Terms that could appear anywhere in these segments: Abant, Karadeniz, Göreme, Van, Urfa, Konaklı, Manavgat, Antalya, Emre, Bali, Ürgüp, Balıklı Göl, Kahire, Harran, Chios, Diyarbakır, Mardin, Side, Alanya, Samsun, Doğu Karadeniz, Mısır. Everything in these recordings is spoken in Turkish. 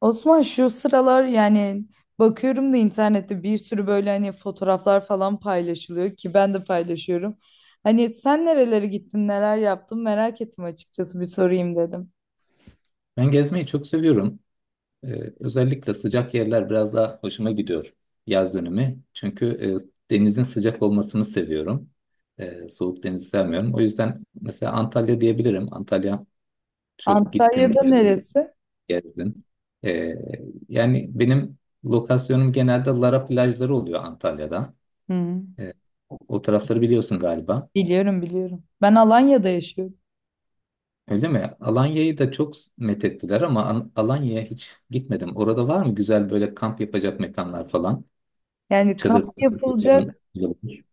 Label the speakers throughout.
Speaker 1: Osman şu sıralar yani bakıyorum da internette bir sürü böyle hani fotoğraflar falan paylaşılıyor ki ben de paylaşıyorum. Hani sen nerelere gittin, neler yaptın merak ettim açıkçası bir sorayım dedim.
Speaker 2: Ben gezmeyi çok seviyorum. Özellikle sıcak yerler biraz daha hoşuma gidiyor yaz dönemi. Çünkü denizin sıcak olmasını seviyorum. Soğuk denizi sevmiyorum. O yüzden mesela Antalya diyebilirim. Antalya çok gittim
Speaker 1: Antalya'da
Speaker 2: geldim
Speaker 1: neresi?
Speaker 2: gezdim. Ee, Yani benim lokasyonum genelde Lara plajları oluyor Antalya'da.
Speaker 1: Hı,
Speaker 2: Ee, o tarafları biliyorsun galiba.
Speaker 1: biliyorum biliyorum. Ben Alanya'da yaşıyorum.
Speaker 2: Öyle mi? Alanya'yı da çok methettiler ama Alanya'ya hiç gitmedim. Orada var mı güzel böyle kamp yapacak mekanlar falan?
Speaker 1: Yani
Speaker 2: Çadır
Speaker 1: kamp yapılacak,
Speaker 2: falan olabilir.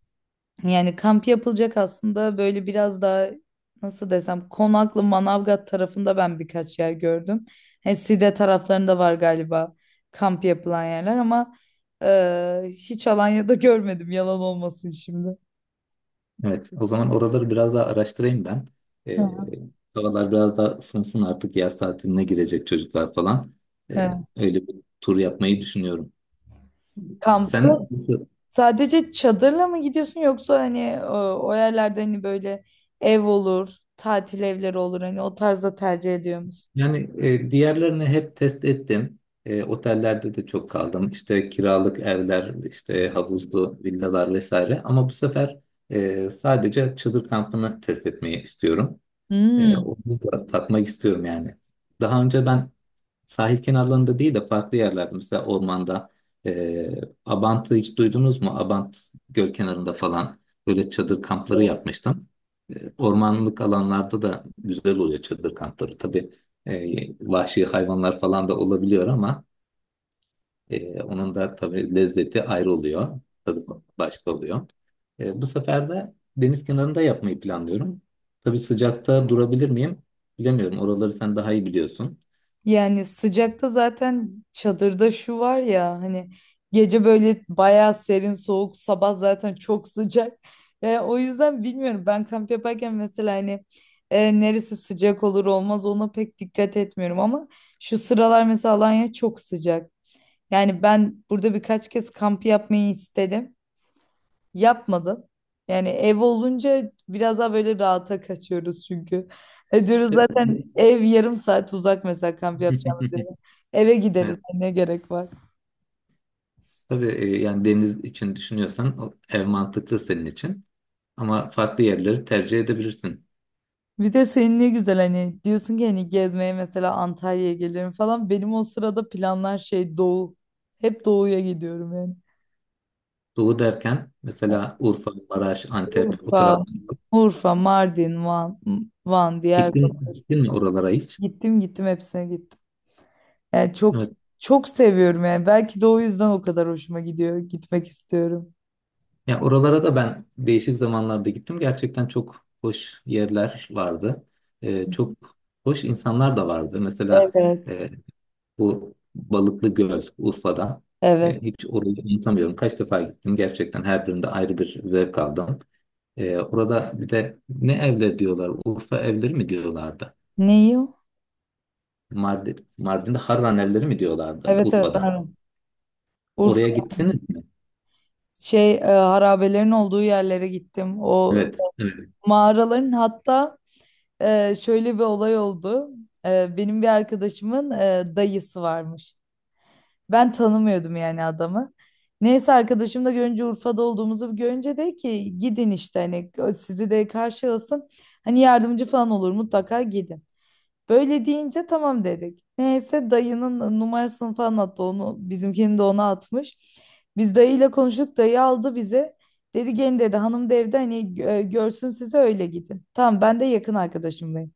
Speaker 1: yani kamp yapılacak aslında böyle biraz daha nasıl desem Konaklı Manavgat tarafında ben birkaç yer gördüm. He, Side taraflarında var galiba kamp yapılan yerler ama hiç Alanya'da görmedim yalan olmasın şimdi.
Speaker 2: Evet, o zaman oraları biraz daha araştırayım ben. Ee,
Speaker 1: Hı,
Speaker 2: Havalar biraz daha ısınsın artık yaz tatiline girecek çocuklar falan. Ee,
Speaker 1: evet.
Speaker 2: Öyle bir tur yapmayı düşünüyorum.
Speaker 1: Kampı
Speaker 2: Sen nasıl-
Speaker 1: sadece çadırla mı gidiyorsun yoksa hani o yerlerde hani böyle ev olur, tatil evleri olur hani o tarzda tercih ediyor musun?
Speaker 2: yani diğerlerini hep test ettim. E, otellerde de çok kaldım. İşte kiralık evler, işte havuzlu villalar vesaire. Ama bu sefer sadece çadır kampını test etmeyi istiyorum.
Speaker 1: Hmm.
Speaker 2: Onu da tatmak istiyorum yani. Daha önce ben sahil kenarlarında değil de farklı yerlerde, mesela ormanda. e, Abant'ı hiç duydunuz mu? Abant göl kenarında falan böyle çadır kampları yapmıştım. Ormanlık alanlarda da güzel oluyor çadır kampları. Tabii vahşi hayvanlar falan da olabiliyor, ama onun da tabii lezzeti ayrı oluyor. Tadı başka oluyor. Bu sefer de deniz kenarında yapmayı planlıyorum. Tabii sıcakta durabilir miyim? Bilemiyorum. Oraları sen daha iyi biliyorsun.
Speaker 1: Yani sıcakta zaten çadırda şu var ya hani gece böyle bayağı serin soğuk sabah zaten çok sıcak. O yüzden bilmiyorum ben kamp yaparken mesela hani neresi sıcak olur olmaz ona pek dikkat etmiyorum ama şu sıralar mesela Alanya çok sıcak. Yani ben burada birkaç kez kamp yapmayı istedim. Yapmadım. Yani ev olunca biraz daha böyle rahata kaçıyoruz çünkü. E diyoruz
Speaker 2: E,
Speaker 1: zaten ev yarım saat uzak mesela kamp yapacağımız yere. Eve gideriz
Speaker 2: Evet,
Speaker 1: hani ne gerek var.
Speaker 2: tabii, yani deniz için düşünüyorsan o ev mantıklı senin için. Ama farklı yerleri tercih edebilirsin.
Speaker 1: Bir de senin ne güzel hani diyorsun ki hani gezmeye mesela Antalya'ya gelirim falan. Benim o sırada planlar şey doğu. Hep doğuya gidiyorum yani.
Speaker 2: Doğu derken mesela Urfa, Maraş, Antep o
Speaker 1: Urfa,
Speaker 2: taraf.
Speaker 1: Urfa, Mardin, Van,
Speaker 2: Gittin,
Speaker 1: Diyarbakır.
Speaker 2: gittin mi oralara hiç?
Speaker 1: Gittim gittim hepsine gittim. Yani çok
Speaker 2: Evet.
Speaker 1: çok seviyorum yani. Belki de o yüzden o kadar hoşuma gidiyor. Gitmek istiyorum.
Speaker 2: Ya oralara da ben değişik zamanlarda gittim. Gerçekten çok hoş yerler vardı. Çok hoş insanlar da vardı. Mesela
Speaker 1: Evet,
Speaker 2: e, bu Balıklı Göl, Urfa'da.
Speaker 1: evet.
Speaker 2: Hiç orayı unutamıyorum. Kaç defa gittim, gerçekten her birinde ayrı bir zevk aldım. Orada bir de ne evleri diyorlar? Urfa evleri mi diyorlardı?
Speaker 1: Neyi o?
Speaker 2: Mardin, Mardin'de Harran evleri mi diyorlardı
Speaker 1: Evet, evet.
Speaker 2: Urfa'da?
Speaker 1: Harran.
Speaker 2: Oraya
Speaker 1: Urfa
Speaker 2: gittiniz mi?
Speaker 1: şey harabelerin olduğu yerlere gittim. O
Speaker 2: Evet. Evet.
Speaker 1: mağaraların hatta şöyle bir olay oldu. Benim bir arkadaşımın dayısı varmış. Ben tanımıyordum yani adamı. Neyse arkadaşım da görünce Urfa'da olduğumuzu görünce de ki gidin işte hani sizi de karşı alsın. Hani yardımcı falan olur mutlaka gidin. Böyle deyince tamam dedik. Neyse dayının numarasını falan attı onu. Bizimkini de ona atmış. Biz dayıyla konuştuk. Dayı aldı bizi. Dedi gelin dedi hanım da evde hani görsün sizi öyle gidin. Tamam ben de yakın arkadaşımdayım.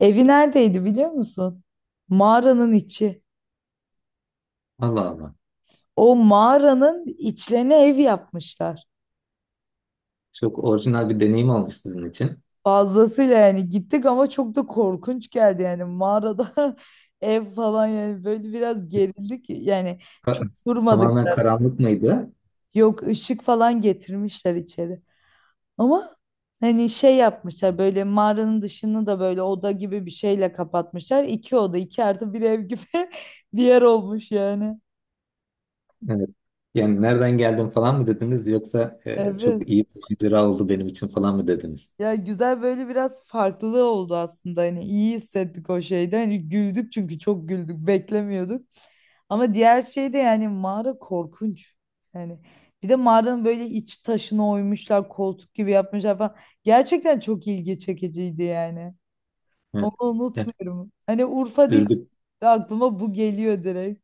Speaker 1: Evi neredeydi biliyor musun? Mağaranın içi.
Speaker 2: Allah Allah.
Speaker 1: O mağaranın içlerine ev yapmışlar.
Speaker 2: Çok orijinal bir deneyim olmuş sizin için.
Speaker 1: Fazlasıyla yani gittik ama çok da korkunç geldi yani mağarada ev falan yani böyle biraz gerildik yani
Speaker 2: Ka-
Speaker 1: çok durmadık.
Speaker 2: Tamamen karanlık mıydı?
Speaker 1: Yok, ışık falan getirmişler içeri. Ama hani şey yapmışlar böyle mağaranın dışını da böyle oda gibi bir şeyle kapatmışlar. İki oda iki artı bir ev gibi bir yer olmuş yani.
Speaker 2: Evet. Yani nereden geldim falan mı dediniz, yoksa
Speaker 1: Evet.
Speaker 2: çok iyi bir macera oldu benim için falan mı dediniz?
Speaker 1: Ya güzel böyle biraz farklılığı oldu aslında hani iyi hissettik o şeyde. Hani güldük çünkü çok güldük beklemiyorduk. Ama diğer şey de yani mağara korkunç. Yani bir de mağaranın böyle iç taşına oymuşlar koltuk gibi yapmışlar falan. Gerçekten çok ilgi çekiciydi yani.
Speaker 2: Evet.
Speaker 1: Onu
Speaker 2: Yani
Speaker 1: unutmuyorum. Hani Urfa deyince
Speaker 2: Ürgüp
Speaker 1: de aklıma bu geliyor direkt.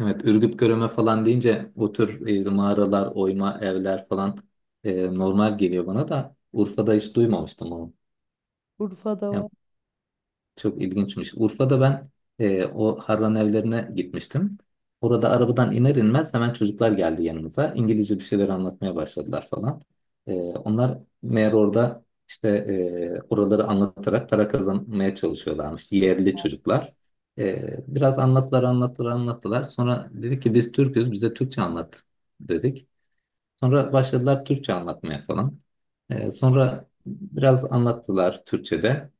Speaker 2: Evet, Ürgüp Göreme falan deyince bu tür, işte mağaralar, oyma evler falan normal geliyor, bana da Urfa'da hiç duymamıştım onu.
Speaker 1: Urfa'da
Speaker 2: Yani
Speaker 1: var.
Speaker 2: çok ilginçmiş. Urfa'da ben o Harran evlerine gitmiştim. Orada arabadan iner inmez hemen çocuklar geldi yanımıza. İngilizce bir şeyler anlatmaya başladılar falan. Onlar meğer orada işte oraları anlatarak para kazanmaya çalışıyorlarmış. Yerli çocuklar. E, Biraz anlattılar anlattılar anlattılar. Sonra dedik ki biz Türk'üz, bize Türkçe anlat dedik. Sonra başladılar Türkçe anlatmaya falan. Sonra biraz anlattılar Türkçe'de.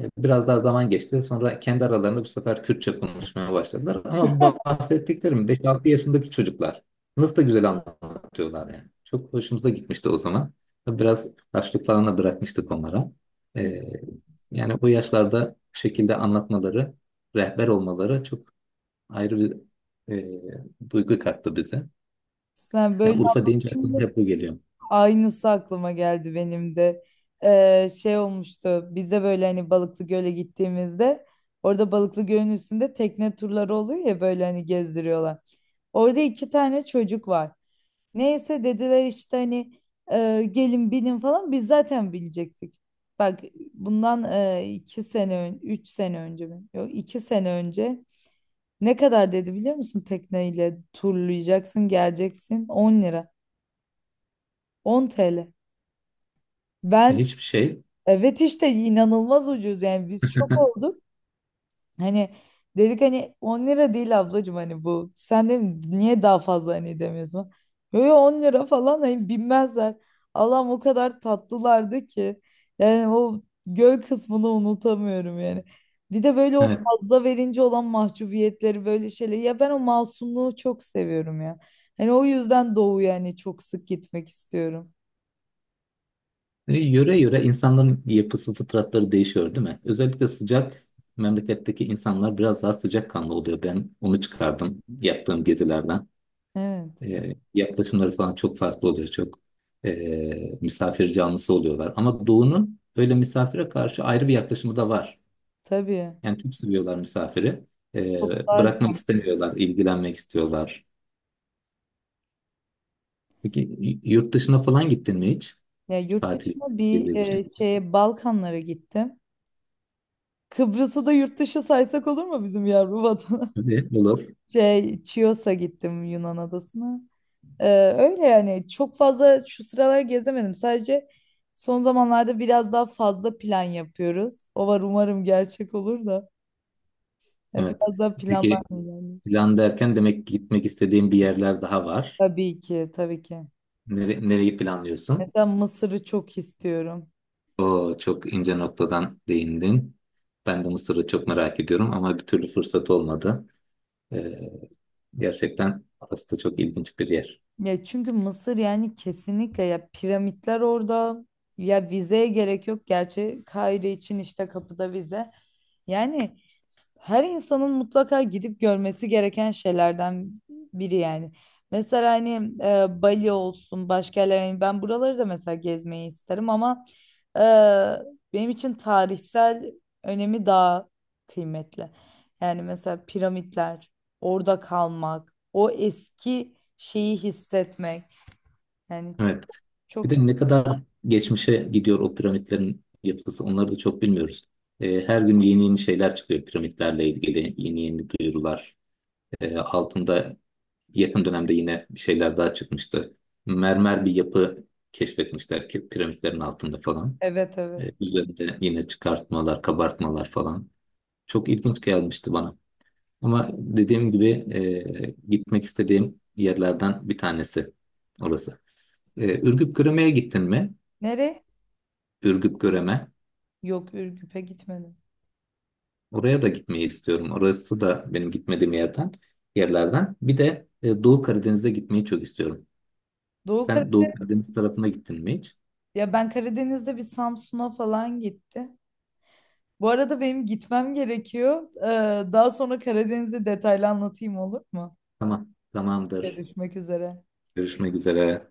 Speaker 2: Biraz daha zaman geçti. Sonra kendi aralarında bu sefer Kürtçe konuşmaya başladılar. Ama bu bahsettiklerim 5-6 yaşındaki çocuklar. Nasıl da güzel anlatıyorlar yani. Çok hoşumuza gitmişti o zaman. Biraz taşlık falan da bırakmıştık onlara. Ee, Yani bu yaşlarda bu şekilde anlatmaları, rehber olmaları çok ayrı bir duygu kattı bize.
Speaker 1: Sen
Speaker 2: Yani
Speaker 1: böyle
Speaker 2: Urfa deyince
Speaker 1: deyince
Speaker 2: aklıma hep bu geliyor.
Speaker 1: aynısı aklıma geldi benim de. Şey olmuştu. Biz de böyle hani Balıklı Göl'e gittiğimizde orada Balıklı Göl'ün üstünde tekne turları oluyor ya böyle hani gezdiriyorlar. Orada iki tane çocuk var. Neyse dediler işte hani gelin binin falan biz zaten binecektik. Bak bundan üç sene önce mi? Yok, iki sene önce. Ne kadar dedi biliyor musun? Tekneyle turlayacaksın, geleceksin 10 lira. 10 TL. Ben
Speaker 2: Hiçbir şey.
Speaker 1: evet işte inanılmaz ucuz yani biz şok olduk. Hani dedik hani 10 lira değil ablacığım hani bu. Sen de niye daha fazla hani demiyorsun? Yo, yo, 10 lira falan hani bilmezler. Allah'ım o kadar tatlılardı ki. Yani o göl kısmını unutamıyorum yani. Bir de böyle o
Speaker 2: Evet.
Speaker 1: fazla verince olan mahcubiyetleri böyle şeyleri. Ya ben o masumluğu çok seviyorum ya. Hani o yüzden Doğu yani çok sık gitmek istiyorum.
Speaker 2: Yöre yöre insanların yapısı, fıtratları değişiyor, değil mi? Özellikle sıcak memleketteki insanlar biraz daha sıcakkanlı oluyor. Ben onu çıkardım yaptığım gezilerden.
Speaker 1: Evet,
Speaker 2: Yaklaşımları falan çok farklı oluyor. Çok misafir canlısı oluyorlar. Ama Doğu'nun öyle misafire karşı ayrı bir yaklaşımı da var.
Speaker 1: tabii.
Speaker 2: Yani çok seviyorlar misafiri.
Speaker 1: Çok daha...
Speaker 2: Bırakmak istemiyorlar, ilgilenmek istiyorlar. Peki yurt dışına falan gittin mi hiç?
Speaker 1: Ya yurt
Speaker 2: Tatil,
Speaker 1: dışına bir
Speaker 2: gezi için.
Speaker 1: şeye Balkanlara gittim. Kıbrıs'ı da yurt dışı saysak olur mu bizim yavru vatana?
Speaker 2: Tabii, olur.
Speaker 1: Şey, Chios'a gittim Yunan adasına. Ee, Öyle yani çok fazla şu sıralar gezemedim. Sadece son zamanlarda biraz daha fazla plan yapıyoruz. O var umarım gerçek olur da. Ya
Speaker 2: Evet.
Speaker 1: biraz daha planlar
Speaker 2: Peki,
Speaker 1: ilerliyoruz.
Speaker 2: plan derken demek ki gitmek istediğim bir yerler daha var.
Speaker 1: Tabii ki, tabii ki.
Speaker 2: Nereyi planlıyorsun?
Speaker 1: Mesela Mısır'ı çok istiyorum.
Speaker 2: O çok ince noktadan değindin. Ben de Mısır'ı çok merak ediyorum ama bir türlü fırsat olmadı. Ee, Gerçekten orası da çok ilginç bir yer.
Speaker 1: Ya çünkü Mısır yani kesinlikle ya piramitler orada. Ya vizeye gerek yok. Gerçi Kahire için işte kapıda vize. Yani her insanın mutlaka gidip görmesi gereken şeylerden biri yani. Mesela hani Bali olsun başka yerler hani ben buraları da mesela gezmeyi isterim ama e, benim için tarihsel önemi daha kıymetli. Yani mesela piramitler, orada kalmak, o eski şeyi hissetmek. Yani
Speaker 2: Evet. Bir
Speaker 1: çok,
Speaker 2: de ne kadar geçmişe gidiyor o piramitlerin yapısı, onları da çok bilmiyoruz. Her gün yeni yeni şeyler çıkıyor piramitlerle ilgili. Yeni yeni duyurular. Altında yakın dönemde yine bir şeyler daha çıkmıştı. Mermer bir yapı keşfetmişler ki piramitlerin altında falan.
Speaker 1: evet, evet.
Speaker 2: Üzerinde yine çıkartmalar, kabartmalar falan. Çok ilginç gelmişti bana. Ama dediğim gibi gitmek istediğim yerlerden bir tanesi orası. Ürgüp Göreme'ye gittin mi?
Speaker 1: Nereye?
Speaker 2: Ürgüp Göreme.
Speaker 1: Yok, Ürgüp'e gitmedim.
Speaker 2: Oraya da gitmeyi istiyorum. Orası da benim gitmediğim yerden, yerlerden. Bir de Doğu Karadeniz'e gitmeyi çok istiyorum.
Speaker 1: Doğu
Speaker 2: Sen Doğu Karadeniz tarafına gittin mi hiç?
Speaker 1: Ya ben Karadeniz'de bir Samsun'a falan gitti. Bu arada benim gitmem gerekiyor. Daha sonra Karadeniz'i detaylı anlatayım olur mu?
Speaker 2: Tamam, tamamdır.
Speaker 1: Görüşmek üzere.
Speaker 2: Görüşmek üzere.